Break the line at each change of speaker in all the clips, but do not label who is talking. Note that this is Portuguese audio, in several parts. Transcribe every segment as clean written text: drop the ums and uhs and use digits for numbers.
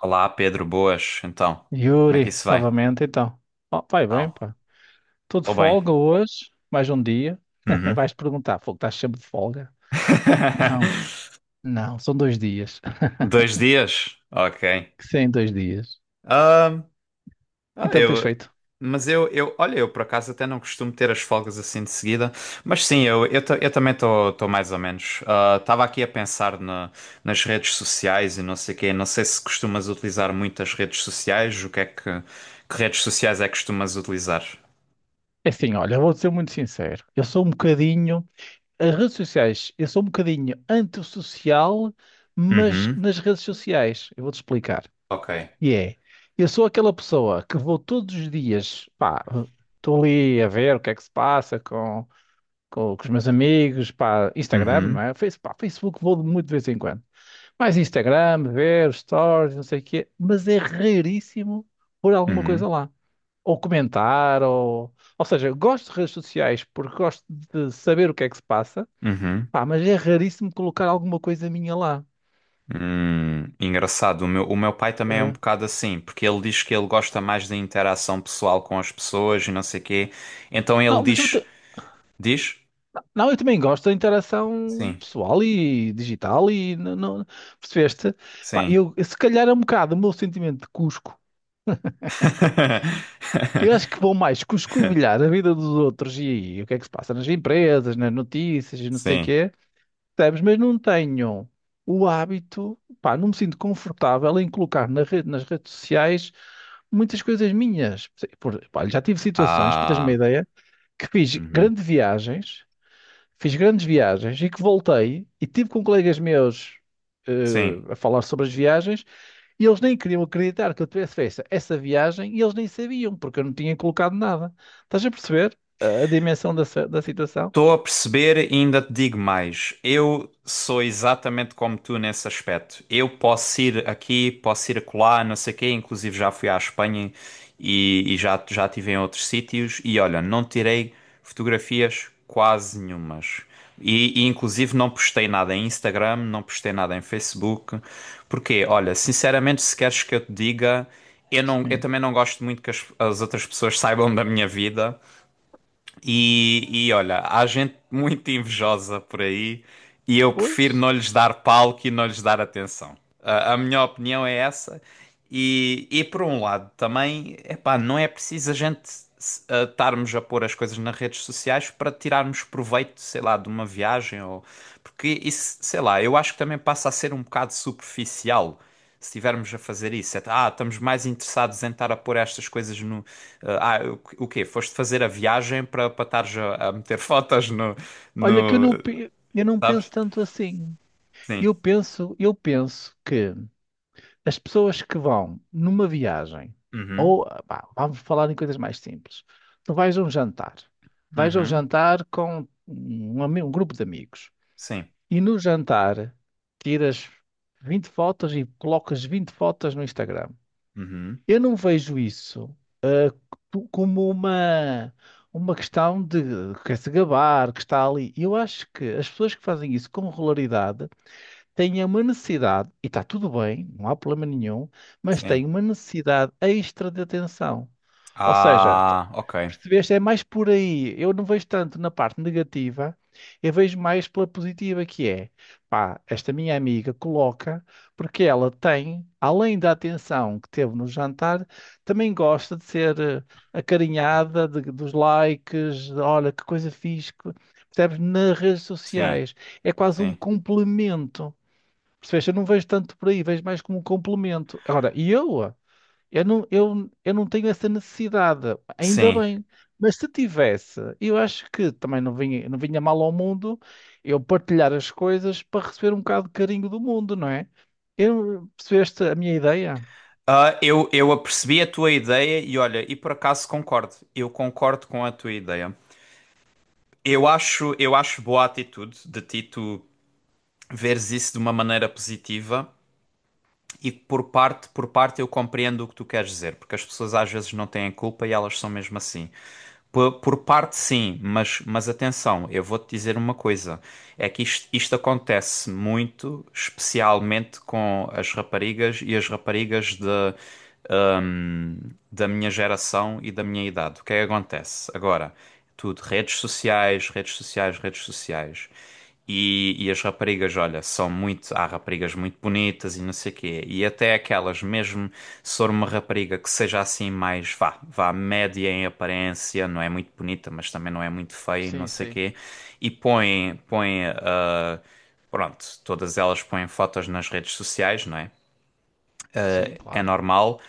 Olá, Pedro, boas. Então, como é que
Yuri,
isso vai?
novamente então. Oh, vai bem,
Não,
pá. Estou de
estou bem.
folga hoje, mais um dia.
Uhum.
Vais perguntar, fogo, estás sempre de folga? Não, não, são dois dias.
Dois dias? Ok.
Sim, dois dias.
Ah, ah,
Então, o que tens
eu,
feito?
mas eu, olha, eu por acaso até não costumo ter as folgas assim de seguida, mas sim, eu também estou mais ou menos. Estava aqui a pensar nas redes sociais e não sei quê. Não sei se costumas utilizar muito as redes sociais, o que é que redes sociais é que costumas utilizar?
É assim, olha, vou ser muito sincero. Eu sou um bocadinho. As redes sociais, eu sou um bocadinho antissocial, mas
Uhum.
nas redes sociais. Eu vou-te explicar.
Ok.
E é. Eu sou aquela pessoa que vou todos os dias, pá, estou ali a ver o que é que se passa com os meus amigos, pá, Instagram, não
Uhum.
é? Face, pá, Facebook vou muito de vez em quando. Mais Instagram, ver stories, não sei o quê, mas é raríssimo pôr alguma coisa
Uhum.
lá. Ou comentar, ou... Ou seja, eu gosto de redes sociais porque gosto de saber o que é que se passa,
Uhum.
pá, mas é raríssimo colocar alguma coisa minha lá.
Engraçado. O meu pai também é um
É.
bocado assim, porque ele diz que ele gosta mais da interação pessoal com as pessoas e não sei quê. Então ele
Não,
diz, diz?
não, eu também gosto da interação
Sim,
pessoal e digital e... percebeste? Pá,
sim.
eu, se calhar é um bocado o meu sentimento de Cusco. Eu acho que vou mais cuscovilhar escovilhar a vida dos outros e, aí, o que é que se passa nas empresas, nas notícias e não sei o
Sim.
quê, percebes? Mas não tenho o hábito, pá, não me sinto confortável em colocar na rede, nas redes sociais muitas coisas minhas. Por, pá, já tive situações, para teres uma
Ah,
ideia, que fiz
uhum.
grandes viagens, fiz grandes viagens e que voltei e tive com colegas meus
Sim.
a falar sobre as viagens e eles nem queriam acreditar que eu tivesse feito essa viagem e eles nem sabiam porque eu não tinha colocado nada. Estás a perceber a dimensão da da situação?
Estou a perceber e ainda te digo mais. Eu sou exatamente como tu nesse aspecto. Eu posso ir aqui, posso ir acolá, não sei o quê. Inclusive já fui à Espanha e, e já estive em outros sítios. E olha, não tirei fotografias quase nenhumas. E inclusive não postei nada em Instagram, não postei nada em Facebook. Porque, olha, sinceramente, se queres que eu te diga, eu não, eu
Sim.
também não gosto muito que as outras pessoas saibam da minha vida. E olha, há gente muito invejosa por aí e eu prefiro
Pois.
não lhes dar palco e não lhes dar atenção. A minha opinião é essa. E por um lado, também, epá, não é preciso a gente a estarmos a pôr as coisas nas redes sociais para tirarmos proveito, sei lá, de uma viagem ou. Porque isso, sei lá, eu acho que também passa a ser um bocado superficial se estivermos a fazer isso, é, ah, estamos mais interessados em estar a pôr estas coisas no. ah, ah, o quê? Foste fazer a viagem para estares a meter fotos no,
Olha que eu
no.
não, pe- eu não penso
Sabes?
tanto assim.
Sim.
Eu penso que as pessoas que vão numa viagem,
Uhum.
ou pá, vamos falar em coisas mais simples. Tu vais a um jantar, vais a um
Uhum.
jantar com um grupo de amigos,
Sim.
e no jantar tiras 20 fotos e colocas 20 fotos no Instagram.
Uhum.
Eu não vejo isso como uma questão de quer se gabar, que está ali. Eu acho que as pessoas que fazem isso com regularidade têm uma necessidade, e está tudo bem, não há problema nenhum, mas
Sim.
têm uma necessidade extra de atenção. Ou seja,
Ah, ok.
percebeste? É mais por aí. Eu não vejo tanto na parte negativa, eu vejo mais pela positiva que é. Pá, esta minha amiga coloca, porque ela tem, além da atenção que teve no jantar, também gosta de ser acarinhada, dos likes, de, olha que coisa fixe. Que... percebes? Nas redes
Sim.
sociais. É quase um
Sim.
complemento. Percebeste? Eu não vejo tanto por aí, vejo mais como um complemento. Agora, eu não tenho essa necessidade, ainda
Sim.
bem. Mas se tivesse, eu acho que também não vinha mal ao mundo eu partilhar as coisas para receber um bocado de carinho do mundo, não é? Eu, percebeste a minha ideia?
Ah, eu apercebi a tua ideia e olha, e por acaso concordo. Eu concordo com a tua ideia. Eu acho boa a atitude de ti tu veres isso de uma maneira positiva. E por parte eu compreendo o que tu queres dizer, porque as pessoas às vezes não têm culpa e elas são mesmo assim. Por parte sim, mas atenção, eu vou-te dizer uma coisa, é que isto acontece muito, especialmente com as raparigas e as raparigas de, hum, da minha geração e da minha idade. O que é que acontece? Agora, tudo, redes sociais, redes sociais, redes sociais. E as raparigas, olha, são muito. Há raparigas muito bonitas e não sei o quê. E até aquelas, mesmo se for uma rapariga que seja assim mais, vá, vá, média em aparência, não é muito bonita, mas também não é muito feia e não
Sim,
sei o
sim.
quê. E põe, põe, ah, pronto, todas elas põem fotos nas redes sociais, não é?
Sim,
É
claro.
normal,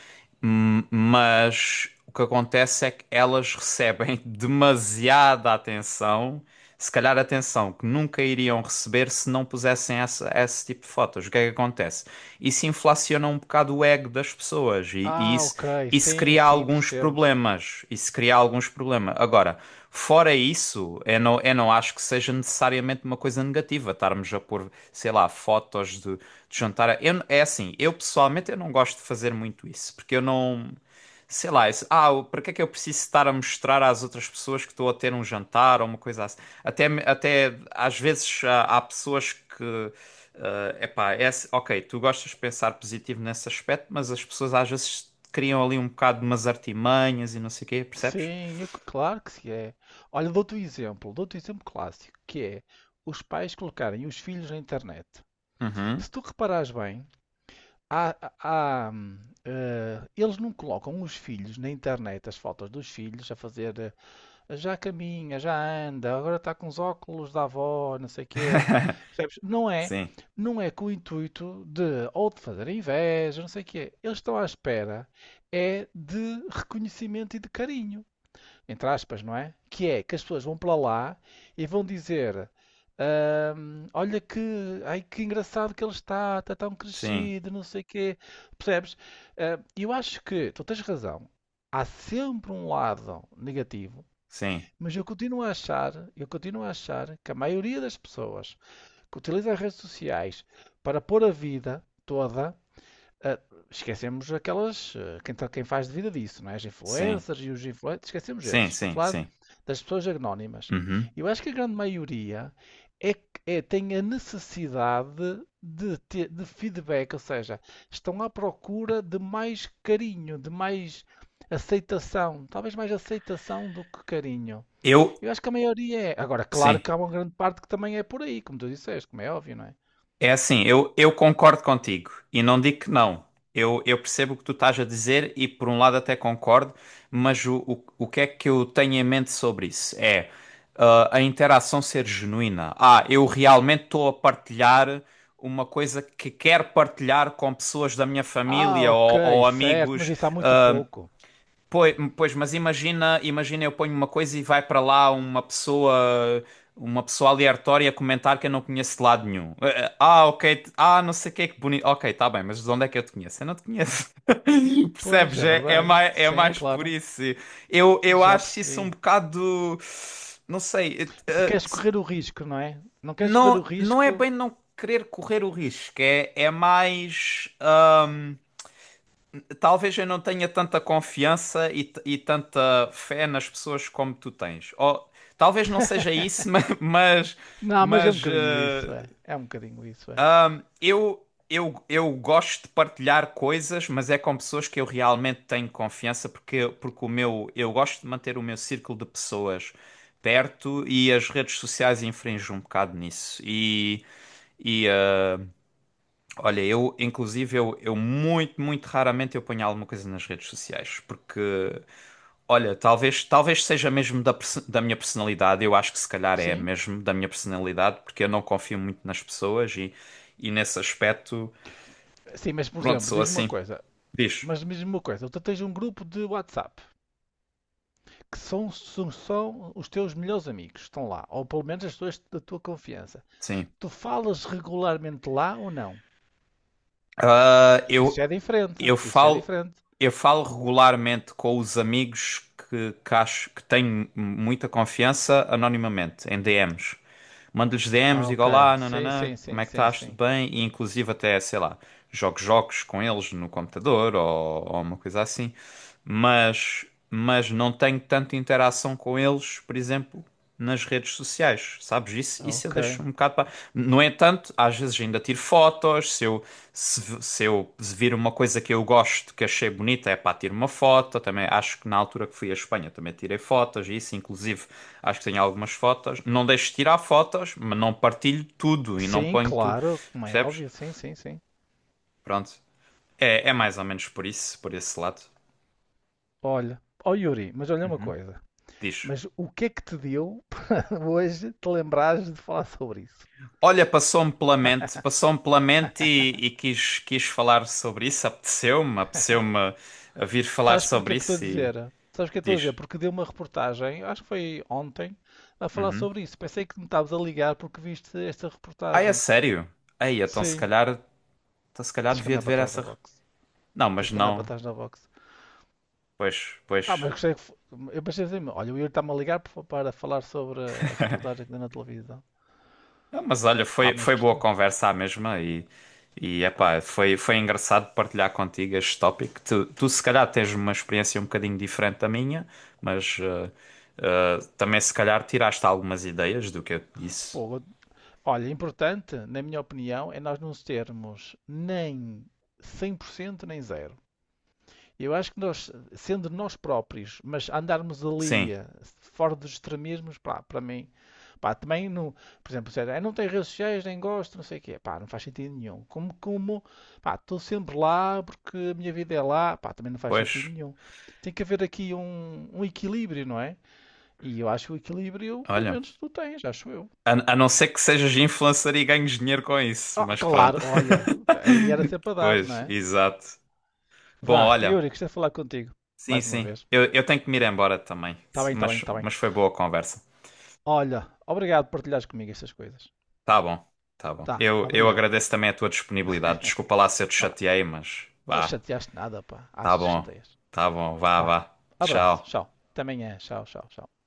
mas o que acontece é que elas recebem demasiada atenção, se calhar atenção que nunca iriam receber se não pusessem essa, esse tipo de fotos. O que é que acontece? Isso inflaciona um bocado o ego das pessoas e, e
Ah,
isso,
ok.
isso
Sim,
cria
sim,
alguns
percebo.
problemas. Isso cria alguns problemas. Agora, fora isso, eu não acho que seja necessariamente uma coisa negativa estarmos a pôr, sei lá, fotos de jantar. Eu, é assim, eu pessoalmente eu não gosto de fazer muito isso, porque eu não. Sei lá, isso, para que é que eu preciso estar a mostrar às outras pessoas que estou a ter um jantar ou uma coisa assim? Até, até às vezes há, há pessoas que. É epá, é, assim, ok, tu gostas de pensar positivo nesse aspecto, mas as pessoas às vezes criam ali um bocado de umas artimanhas e não sei o quê, percebes?
Claro que se é. Olha, dou-te um exemplo clássico, que é os pais colocarem os filhos na internet.
Uhum.
Se tu reparares bem, há- há, hum, eles não colocam os filhos na internet, as fotos dos filhos, a fazer já caminha, já anda, agora está com os óculos da avó, não sei o quê. Percebes?
Sim,
Não é com o intuito de ou de fazer inveja, não sei o quê. Eles estão à espera é de reconhecimento e de carinho entre aspas, não é? Que é que as pessoas vão para lá e vão dizer: " Olha que, ai, que engraçado que ele está, está tão
sim,
crescido, não sei o quê." Percebes? Ah, eu acho que tu tens razão. Há sempre um lado negativo,
sim,
mas eu continuo a achar que a maioria das pessoas que utilizam as redes sociais para pôr a vida toda, ah, esquecemos aquelas. Quem faz de vida disso, não é? As
sim,
influencers e os influencers. Esquecemos
sim,
esses. Estou a
sim,
falar
sim.
das pessoas anónimas.
Uhum.
Eu acho que a grande maioria tem a necessidade de feedback, ou seja, estão à procura de mais carinho, de mais aceitação. Talvez mais aceitação do que carinho.
Eu,
Eu acho que a maioria é. Agora, claro
sim.
que há uma grande parte que também é por aí, como tu disseste, como é óbvio, não é?
É assim, eu concordo contigo e não digo que não. Eu percebo o que tu estás a dizer e por um lado até concordo, mas o que é que eu tenho em mente sobre isso? É ah, a interação ser genuína. Ah, eu realmente estou a partilhar uma coisa que quero partilhar com pessoas da minha
Ah,
família
ok,
ou
certo, mas
amigos.
isso há muito pouco.
Pois, pois, mas imagina, imagina eu ponho uma coisa e vai para lá uma pessoa aleatória comentar que eu não conheço de lado nenhum. Ah, ok, não sei o que é que bonito. Ok, tá bem, mas de onde é que eu te conheço? Eu não te conheço.
Pois,
Percebes?
é
É,
verdade.
é
Sim,
mais por
claro.
isso. Eu
Já
acho isso um
percebi.
bocado, não sei,
Não queres correr o risco, não é? Não queres correr o
não, não é
risco.
bem não querer correr o risco, é, é mais talvez eu não tenha tanta confiança e tanta fé nas pessoas como tu tens. Ou talvez não seja isso, mas,
Não, mas é um
mas,
bocadinho isso,
eh,
é. É um bocadinho isso, é.
eu gosto de partilhar coisas, mas é com pessoas que eu realmente tenho confiança, porque o meu, eu gosto de manter o meu círculo de pessoas perto e as redes sociais infringem um bocado nisso. E olha, eu muito, muito raramente eu ponho alguma coisa nas redes sociais, porque olha, talvez seja mesmo da, da minha personalidade. Eu acho que se calhar é
Sim.
mesmo da minha personalidade, porque eu não confio muito nas pessoas e nesse aspecto,
Sim, mas por
pronto,
exemplo,
sou
diz-me uma
assim.
coisa.
Diz.
Mas diz-me uma coisa. Tu tens um grupo de WhatsApp que são os teus melhores amigos. Estão lá. Ou pelo menos as pessoas da tua confiança.
Sim.
Tu falas regularmente lá ou não?
Ah,
É. Isso já
eu,
é diferente.
Eu
Isso já é
falo,
diferente.
eu falo regularmente com os amigos que acho que tenho muita confiança anonimamente, em DMs. Mando-lhes DMs,
Ah,
digo
ok.
olá,
Sim,
nananã,
sim,
como
sim,
é que
sim,
estás? Tudo
sim.
bem? E inclusive até, sei lá, jogo jogos com eles no computador ou uma coisa assim. Mas não tenho tanta interação com eles, por exemplo, nas redes sociais, sabes? Isso eu
Ok.
deixo um bocado para. No entanto, às vezes ainda tiro fotos. Se eu, se eu vir uma coisa que eu gosto, que achei bonita, é pá, tiro uma foto. Também acho que na altura que fui à Espanha também tirei fotos, e isso, inclusive, acho que tenho algumas fotos. Não deixo de tirar fotos, mas não partilho tudo e não
Sim,
ponho tudo.
claro, como é
Percebes?
óbvio, sim, sim, sim.
Pronto. É, é mais ou menos por isso, por esse lado.
Olha, ó Yuri, mas olha uma coisa.
Diz.
Mas o que é que te deu para hoje te lembrares de falar sobre isso?
Olha, passou-me pela mente e quis, quis falar sobre isso. Apeteceu-me, apeteceu-me a vir falar
Sabes porque
sobre
é que estou a
isso e
dizer? Sabes o que é que estou a dizer?
diz.
Porque deu uma reportagem, acho que foi ontem, a falar sobre isso. Pensei que me estavas a ligar porque viste esta
Ai, é
reportagem.
sério? Aí,
Sim,
então, se calhar
tens que
devia
andar
de
para
ver
trás da
essa.
box.
Não, mas
Tens que andar para
não.
trás da box.
Pois, pois.
Ah, mas gostei que. fo- Eu pensei assim, olha, o Yuri está-me a ligar para falar sobre a reportagem que deu na televisão.
Ah, mas olha,
Ah,
foi,
mas
foi boa
gostei.
conversa à mesma e epá, foi, foi engraçado partilhar contigo este tópico. Tu se calhar tens uma experiência um bocadinho diferente da minha, mas também se calhar tiraste algumas ideias do que eu te disse.
Fogo, olha, importante, na minha opinião, é nós não termos nem 100% nem zero. Eu acho que nós, sendo nós próprios, mas andarmos ali
Sim,
fora dos extremismos, pá, para mim, pá, também não, por exemplo, dizer: "Ah, não tem redes sociais, nem gosto, não sei o quê, pá, não faz sentido nenhum." Como, pá, estou sempre lá porque a minha vida é lá, pá, também não faz sentido
pois,
nenhum. Tem que haver aqui um, um equilíbrio, não é? E eu acho que o equilíbrio, pelo
olha.
menos, tu tens, acho eu.
A não ser que sejas influencer e ganhes dinheiro com isso,
Ah,
mas
claro,
pronto.
olha, aí era sempre a dar, não
Pois,
é?
exato. Bom,
Vá,
olha,
Yuri, gostei de falar contigo.
sim,
Mais uma
sim.
vez.
Eu tenho que me ir embora também,
Tá bem, tá bem, tá bem.
mas foi boa a conversa.
Olha, obrigado por partilhares comigo estas coisas.
Tá bom, tá bom.
Tá,
Eu
obrigado.
agradeço também a tua disponibilidade. Desculpa lá se eu te
Vá lá.
chateei, mas
Não
vá.
chateaste nada, pá.
Tá
Achas que
bom,
chateias.
tá bom, vá,
Vá,
vá.
abraço,
Tchau.
tchau. Até amanhã, tchau, tchau, tchau.